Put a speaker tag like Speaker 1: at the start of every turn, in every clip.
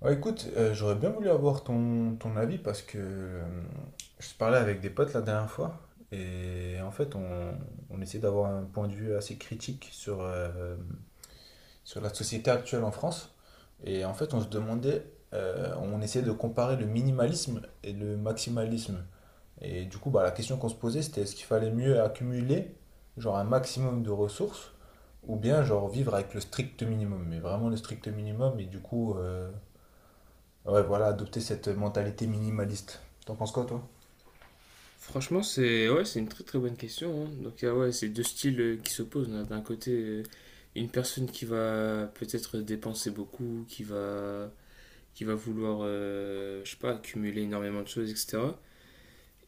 Speaker 1: Ouais, écoute, j'aurais bien voulu avoir ton avis parce que, je parlais avec des potes la dernière fois et en fait on essaie d'avoir un point de vue assez critique sur, sur la société actuelle en France et en fait on se demandait, on essayait de comparer le minimalisme et le maximalisme et du coup bah, la question qu'on se posait c'était est-ce qu'il fallait mieux accumuler genre un maximum de ressources ou bien genre vivre avec le strict minimum mais vraiment le strict minimum et du coup. Ouais, voilà, adopter cette mentalité minimaliste. T'en penses quoi, toi?
Speaker 2: Franchement, c'est ouais, c'est une très très bonne question, hein. Donc, ouais, c'est deux styles qui s'opposent. On a d'un côté une personne qui va peut-être dépenser beaucoup, qui va vouloir, je sais pas, accumuler énormément de choses, etc.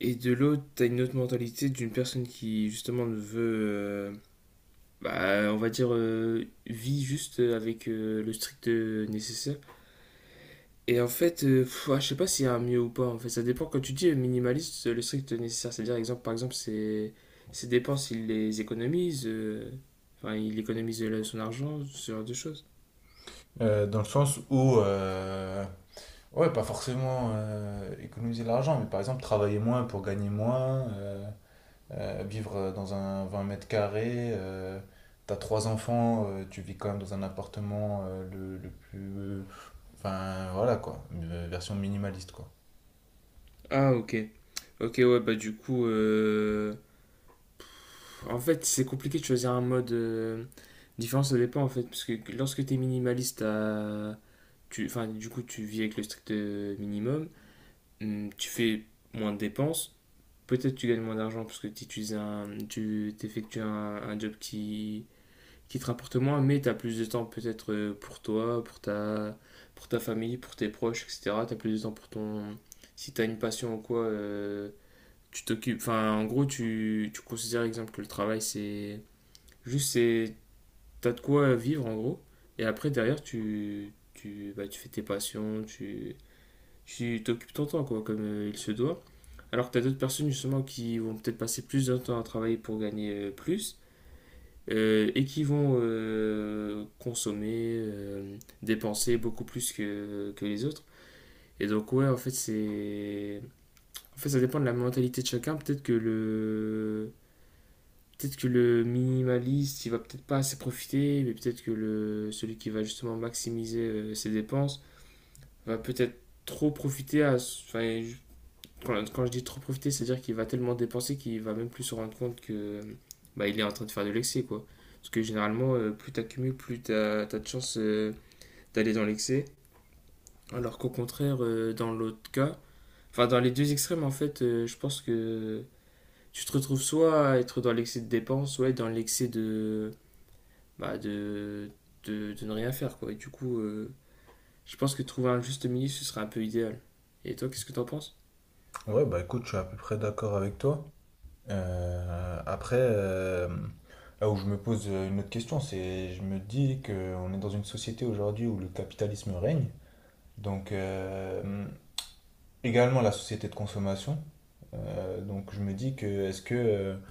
Speaker 2: Et de l'autre, t'as une autre mentalité d'une personne qui justement ne veut, bah, on va dire, vit juste avec le strict nécessaire et en fait, ouais, je sais pas s'il y a un mieux ou pas. En fait, ça dépend. Quand tu dis minimaliste, le strict nécessaire, c'est-à-dire, par exemple, ses dépenses, il les économise. Enfin, il économise son argent, ce genre de choses.
Speaker 1: Dans le sens où, ouais, pas forcément économiser de l'argent, mais par exemple travailler moins pour gagner moins, vivre dans un 20 mètres carrés, t'as trois enfants, tu vis quand même dans un appartement le plus... Enfin, voilà quoi, une version minimaliste quoi.
Speaker 2: Ah, ok. Ok, ouais, bah du coup, en fait, c'est compliqué de choisir un mode différent, ça dépend en fait, parce que lorsque t'es minimaliste, tu, enfin, du coup, tu vis avec le strict minimum, tu fais moins de dépenses. Peut-être tu gagnes moins d'argent parce que tu effectues un job qui te rapporte moins, mais tu as plus de temps peut-être pour toi, pour ta famille, pour tes proches, etc. Tu as plus de temps pour ton. Si tu as une passion ou quoi, tu t'occupes. Enfin, en gros, tu considères, exemple, que le travail, c'est. Juste, c'est. T'as de quoi vivre, en gros. Et après, derrière, bah, tu fais tes passions, tu t'occupes ton temps, quoi, comme il se doit. Alors que tu as d'autres personnes, justement, qui vont peut-être passer plus de temps à travailler pour gagner plus et qui vont consommer, dépenser beaucoup plus que les autres. Et donc, ouais, en fait, c'est. En fait, ça dépend de la mentalité de chacun. Peut-être que le. Peut-être que le minimaliste, il va peut-être pas assez profiter, mais peut-être que celui qui va justement maximiser ses dépenses va peut-être trop profiter à, enfin. Quand je dis trop profiter, c'est-à-dire qu'il va tellement dépenser qu'il va même plus se rendre compte que bah, il est en train de faire de l'excès, quoi. Parce que généralement, plus t'accumules, plus t'as de chances d'aller dans l'excès. Alors qu'au contraire, dans l'autre cas, enfin dans les deux extrêmes, en fait, je pense que tu te retrouves soit à être dans l'excès de dépenses, soit être dans l'excès bah, de ne rien faire, quoi. Et du coup, je pense que trouver un juste milieu, ce serait un peu idéal. Et toi, qu'est-ce que t'en penses?
Speaker 1: Ouais, bah écoute, je suis à peu près d'accord avec toi. Heu, après, là où je me pose, une autre question, c'est je me dis qu'on est dans une société aujourd'hui où le capitalisme règne, donc également la société de consommation. Donc je me dis que est-ce que,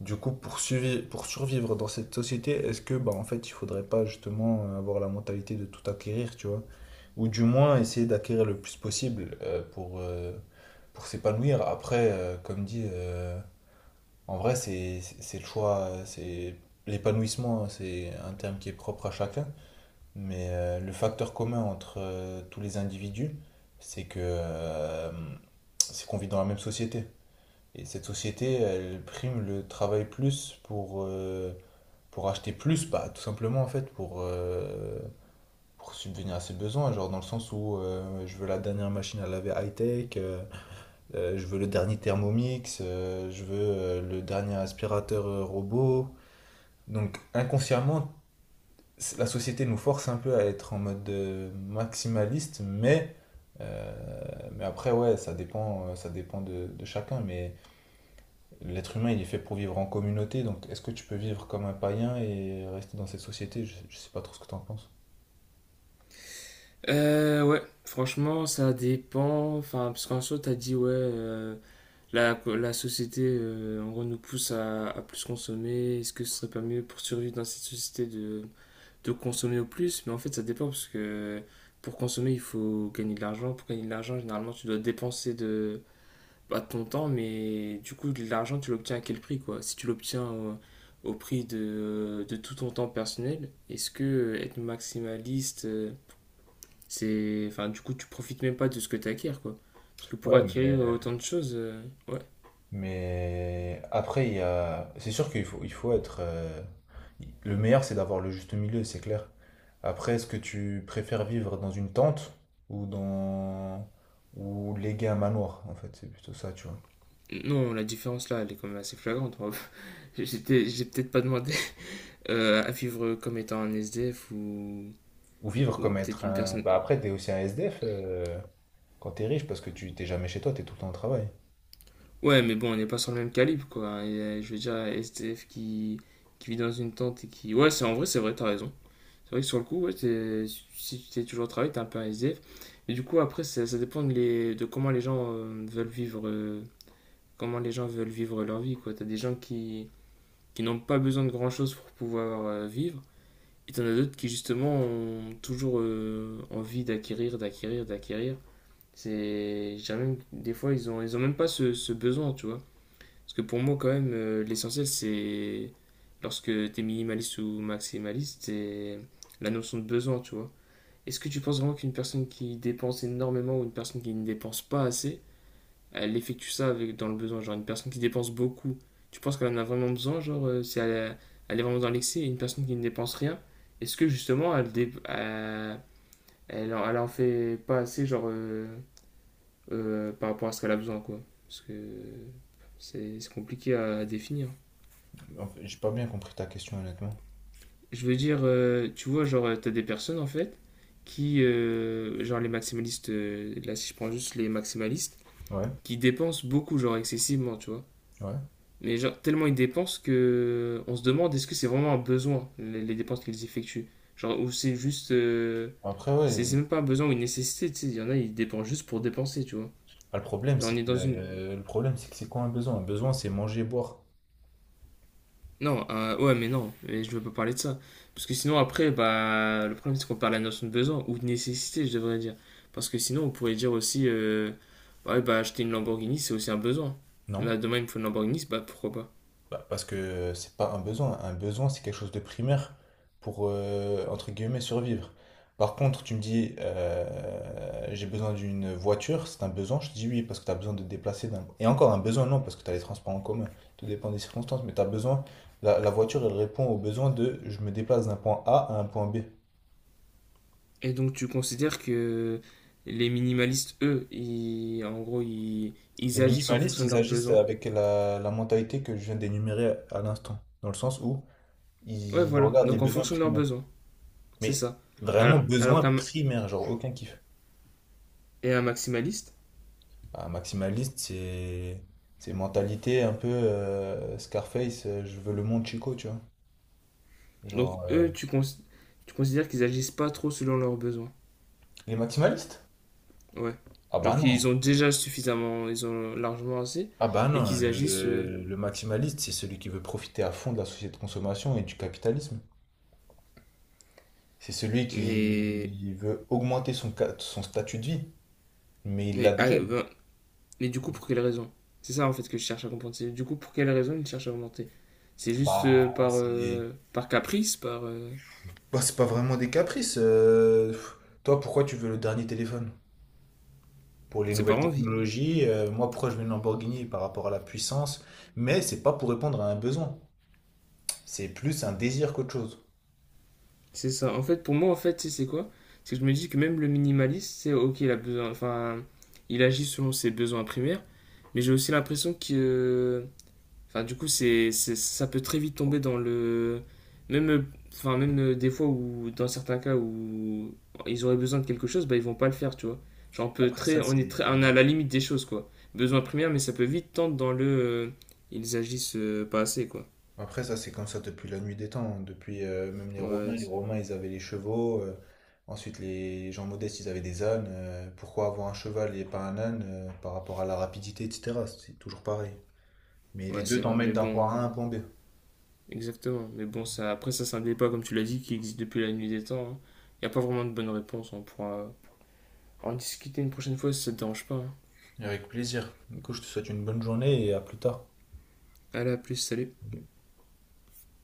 Speaker 1: du coup pour survivre dans cette société, est-ce que, bah, en fait, il faudrait pas justement, avoir la mentalité de tout acquérir, tu vois? Ou du moins essayer d'acquérir le plus possible, pour pour s'épanouir. Après, comme dit, en vrai, c'est le choix, c'est l'épanouissement, c'est un terme qui est propre à chacun. Mais le facteur commun entre tous les individus, c'est que, c'est qu'on vit dans la même société. Et cette société, elle prime le travail plus pour pour acheter plus, bah tout simplement en fait pour pour subvenir à ses besoins, genre dans le sens où je veux la dernière machine à laver high-tech. Je veux le dernier Thermomix, je veux le dernier aspirateur robot. Donc inconsciemment, la société nous force un peu à être en mode maximaliste, mais après, ouais, ça dépend, ça dépend de chacun. Mais l'être humain, il est fait pour vivre en communauté, donc est-ce que tu peux vivre comme un païen et rester dans cette société? Je sais pas trop ce que tu en penses.
Speaker 2: Ouais, franchement, ça dépend. Enfin, parce qu'en soi, t'as dit, ouais, la société, en gros, nous pousse à plus consommer. Est-ce que ce serait pas mieux pour survivre dans cette société de consommer au plus? Mais en fait, ça dépend, parce que pour consommer, il faut gagner de l'argent. Pour gagner de l'argent, généralement, tu dois dépenser de, pas de ton temps, mais du coup, de l'argent, tu l'obtiens à quel prix, quoi? Si tu l'obtiens au prix de tout ton temps personnel, est-ce que être maximaliste. C'est, enfin, du coup, tu profites même pas de ce que tu acquiers, quoi. Parce que pour
Speaker 1: Ouais, mais
Speaker 2: acquérir autant de choses, ouais.
Speaker 1: Mais après, il y a... c'est sûr qu'il faut être... Le meilleur, c'est d'avoir le juste milieu, c'est clair. Après, est-ce que tu préfères vivre dans une tente ou dans... ou léguer un manoir, en fait, c'est plutôt ça, tu vois.
Speaker 2: Non, la différence là, elle est quand même assez flagrante. Moi. J'ai peut-être pas demandé à vivre comme étant un SDF
Speaker 1: Ou vivre
Speaker 2: ou
Speaker 1: comme
Speaker 2: peut-être
Speaker 1: être
Speaker 2: une
Speaker 1: un...
Speaker 2: personne.
Speaker 1: Bah après, t'es aussi un SDF quand t'es riche parce que tu t'es jamais chez toi, t'es tout le temps au travail.
Speaker 2: Ouais, mais bon, on n'est pas sur le même calibre, quoi. Et, je veux dire, SDF qui vit dans une tente et qui. Ouais, c'est en vrai, c'est vrai, t'as raison. C'est vrai que sur le coup, ouais, si tu t'es toujours au travail, t'es un peu un SDF. Mais du coup, après, ça dépend de, de comment les gens veulent vivre comment les gens veulent vivre leur vie, quoi. T'as des gens qui n'ont pas besoin de grand-chose pour pouvoir vivre, et t'en as d'autres qui, justement, ont toujours envie d'acquérir, d'acquérir, d'acquérir. C'est. J'ai même. Des fois, ils ont même pas ce besoin, tu vois. Parce que pour moi, quand même, l'essentiel, c'est. Lorsque t'es minimaliste ou maximaliste, c'est la notion de besoin, tu vois. Est-ce que tu penses vraiment qu'une personne qui dépense énormément ou une personne qui ne dépense pas assez, elle effectue ça avec, dans le besoin. Genre, une personne qui dépense beaucoup, tu penses qu'elle en a vraiment besoin? Genre, si elle, elle est vraiment dans l'excès, et une personne qui ne dépense rien, est-ce que justement, elle, elle, elle en fait pas assez, genre, par rapport à ce qu'elle a besoin, quoi? Parce que c'est compliqué à définir.
Speaker 1: En fait, j'ai pas bien compris ta question, honnêtement.
Speaker 2: Je veux dire, tu vois, genre, t'as des personnes, en fait, qui, genre, les maximalistes, là, si je prends juste les maximalistes,
Speaker 1: Ouais,
Speaker 2: qui dépensent beaucoup, genre, excessivement, tu vois.
Speaker 1: ouais.
Speaker 2: Mais genre, tellement ils dépensent que on se demande est-ce que c'est vraiment un besoin, les dépenses qu'ils effectuent. Genre, ou c'est juste.
Speaker 1: Après, ouais,
Speaker 2: C'est même pas un besoin ou une nécessité, tu sais. Il y en a, ils dépensent juste pour dépenser, tu vois.
Speaker 1: bah, le problème,
Speaker 2: Genre,
Speaker 1: c'est
Speaker 2: on est
Speaker 1: que,
Speaker 2: dans une.
Speaker 1: euh, le problème, c'est que c'est quoi un besoin? Un besoin, c'est manger, boire,
Speaker 2: Non, ouais, mais non, mais je veux pas parler de ça. Parce que sinon, après, bah, le problème, c'est qu'on perd la notion de besoin ou de nécessité, je devrais dire. Parce que sinon, on pourrait dire aussi, ouais, bah, acheter une Lamborghini, c'est aussi un besoin.
Speaker 1: non?
Speaker 2: Là, demain, il me faut une Lamborghini, bah, pourquoi pas.
Speaker 1: Bah, parce que c'est pas un besoin. Un besoin, c'est quelque chose de primaire pour, entre guillemets, survivre. Par contre, tu me dis, j'ai besoin d'une voiture, c'est un besoin. Je te dis oui, parce que tu as besoin de te déplacer. Et encore un besoin, non, parce que tu as les transports en commun. Tout dépend des circonstances, mais tu as besoin. La voiture, elle répond au besoin de je me déplace d'un point A à un point B.
Speaker 2: Et donc tu considères que les minimalistes, eux, ils, en gros,
Speaker 1: Les
Speaker 2: ils agissent en
Speaker 1: minimalistes,
Speaker 2: fonction de
Speaker 1: ils
Speaker 2: leurs
Speaker 1: agissent
Speaker 2: besoins.
Speaker 1: avec la mentalité que je viens d'énumérer à l'instant, dans le sens où
Speaker 2: Ouais,
Speaker 1: ils
Speaker 2: voilà.
Speaker 1: regardent les
Speaker 2: Donc en
Speaker 1: besoins
Speaker 2: fonction de leurs
Speaker 1: primaires.
Speaker 2: besoins. C'est
Speaker 1: Mais
Speaker 2: ça.
Speaker 1: vraiment
Speaker 2: Alors
Speaker 1: besoin
Speaker 2: qu'un
Speaker 1: primaire, genre aucun kiff.
Speaker 2: et un maximaliste,
Speaker 1: Ah, maximaliste, c'est mentalité un peu Scarface, je veux le monde Chico, tu vois.
Speaker 2: donc
Speaker 1: Genre
Speaker 2: eux, tu, tu considères qu'ils agissent pas trop selon leurs besoins.
Speaker 1: les maximalistes?
Speaker 2: Ouais.
Speaker 1: Ah bah
Speaker 2: Genre
Speaker 1: non.
Speaker 2: qu'ils ont déjà suffisamment, ils ont largement assez,
Speaker 1: Ah bah
Speaker 2: mais
Speaker 1: non,
Speaker 2: qu'ils agissent.
Speaker 1: le maximaliste, c'est celui qui veut profiter à fond de la société de consommation et du capitalisme. C'est celui
Speaker 2: Mais
Speaker 1: qui veut augmenter son statut de vie, mais il l'a
Speaker 2: mais ah,
Speaker 1: déjà. Lui.
Speaker 2: ben, Mais du coup, pour quelle raison? C'est ça en fait que je cherche à comprendre. C'est du coup, pour quelle raison il cherche à augmenter. C'est juste
Speaker 1: Bah, c'est
Speaker 2: par caprice, par.
Speaker 1: Bah, c'est pas vraiment des caprices. Pff. Toi, pourquoi tu veux le dernier téléphone? Pour les
Speaker 2: C'est par
Speaker 1: nouvelles
Speaker 2: envie.
Speaker 1: technologies. Moi, pourquoi je veux une Lamborghini par rapport à la puissance? Mais c'est pas pour répondre à un besoin. C'est plus un désir qu'autre chose.
Speaker 2: C'est ça. En fait, pour moi, en fait, c'est quoi? C'est que je me dis que même le minimaliste, c'est ok, il a besoin. Enfin, il agit selon ses besoins primaires, mais j'ai aussi l'impression que. euh, Enfin, du coup, c'est, ça peut très vite tomber dans le. Même, enfin, même des fois où, dans certains cas où ils auraient besoin de quelque chose, bah, ils vont pas le faire, tu vois. Genre, on peut
Speaker 1: Après ça, c'est
Speaker 2: très, on est à la limite des choses, quoi. Besoin primaire, mais ça peut vite tendre dans le. Ils agissent pas assez, quoi.
Speaker 1: après ça, c'est comme ça depuis la nuit des temps. Hein. Depuis même
Speaker 2: Ouais,
Speaker 1: les Romains, ils avaient les chevaux. Ensuite, les gens modestes, ils avaient des ânes. Pourquoi avoir un cheval et pas un âne par rapport à la rapidité, etc. C'est toujours pareil. Mais les
Speaker 2: ouais,
Speaker 1: deux
Speaker 2: c'est vrai.
Speaker 1: t'emmènent
Speaker 2: Mais
Speaker 1: d'un point
Speaker 2: bon,
Speaker 1: A à un point B.
Speaker 2: exactement. Mais bon, ça, après, ça, c'est un débat, comme tu l'as dit, qui existe depuis la nuit des temps. Il n'y a pas vraiment de bonne réponse. On pourra en discuter une prochaine fois si ça te dérange pas, hein.
Speaker 1: Avec plaisir. Du coup, je te souhaite une bonne journée et à plus tard.
Speaker 2: Allez, à plus, salut.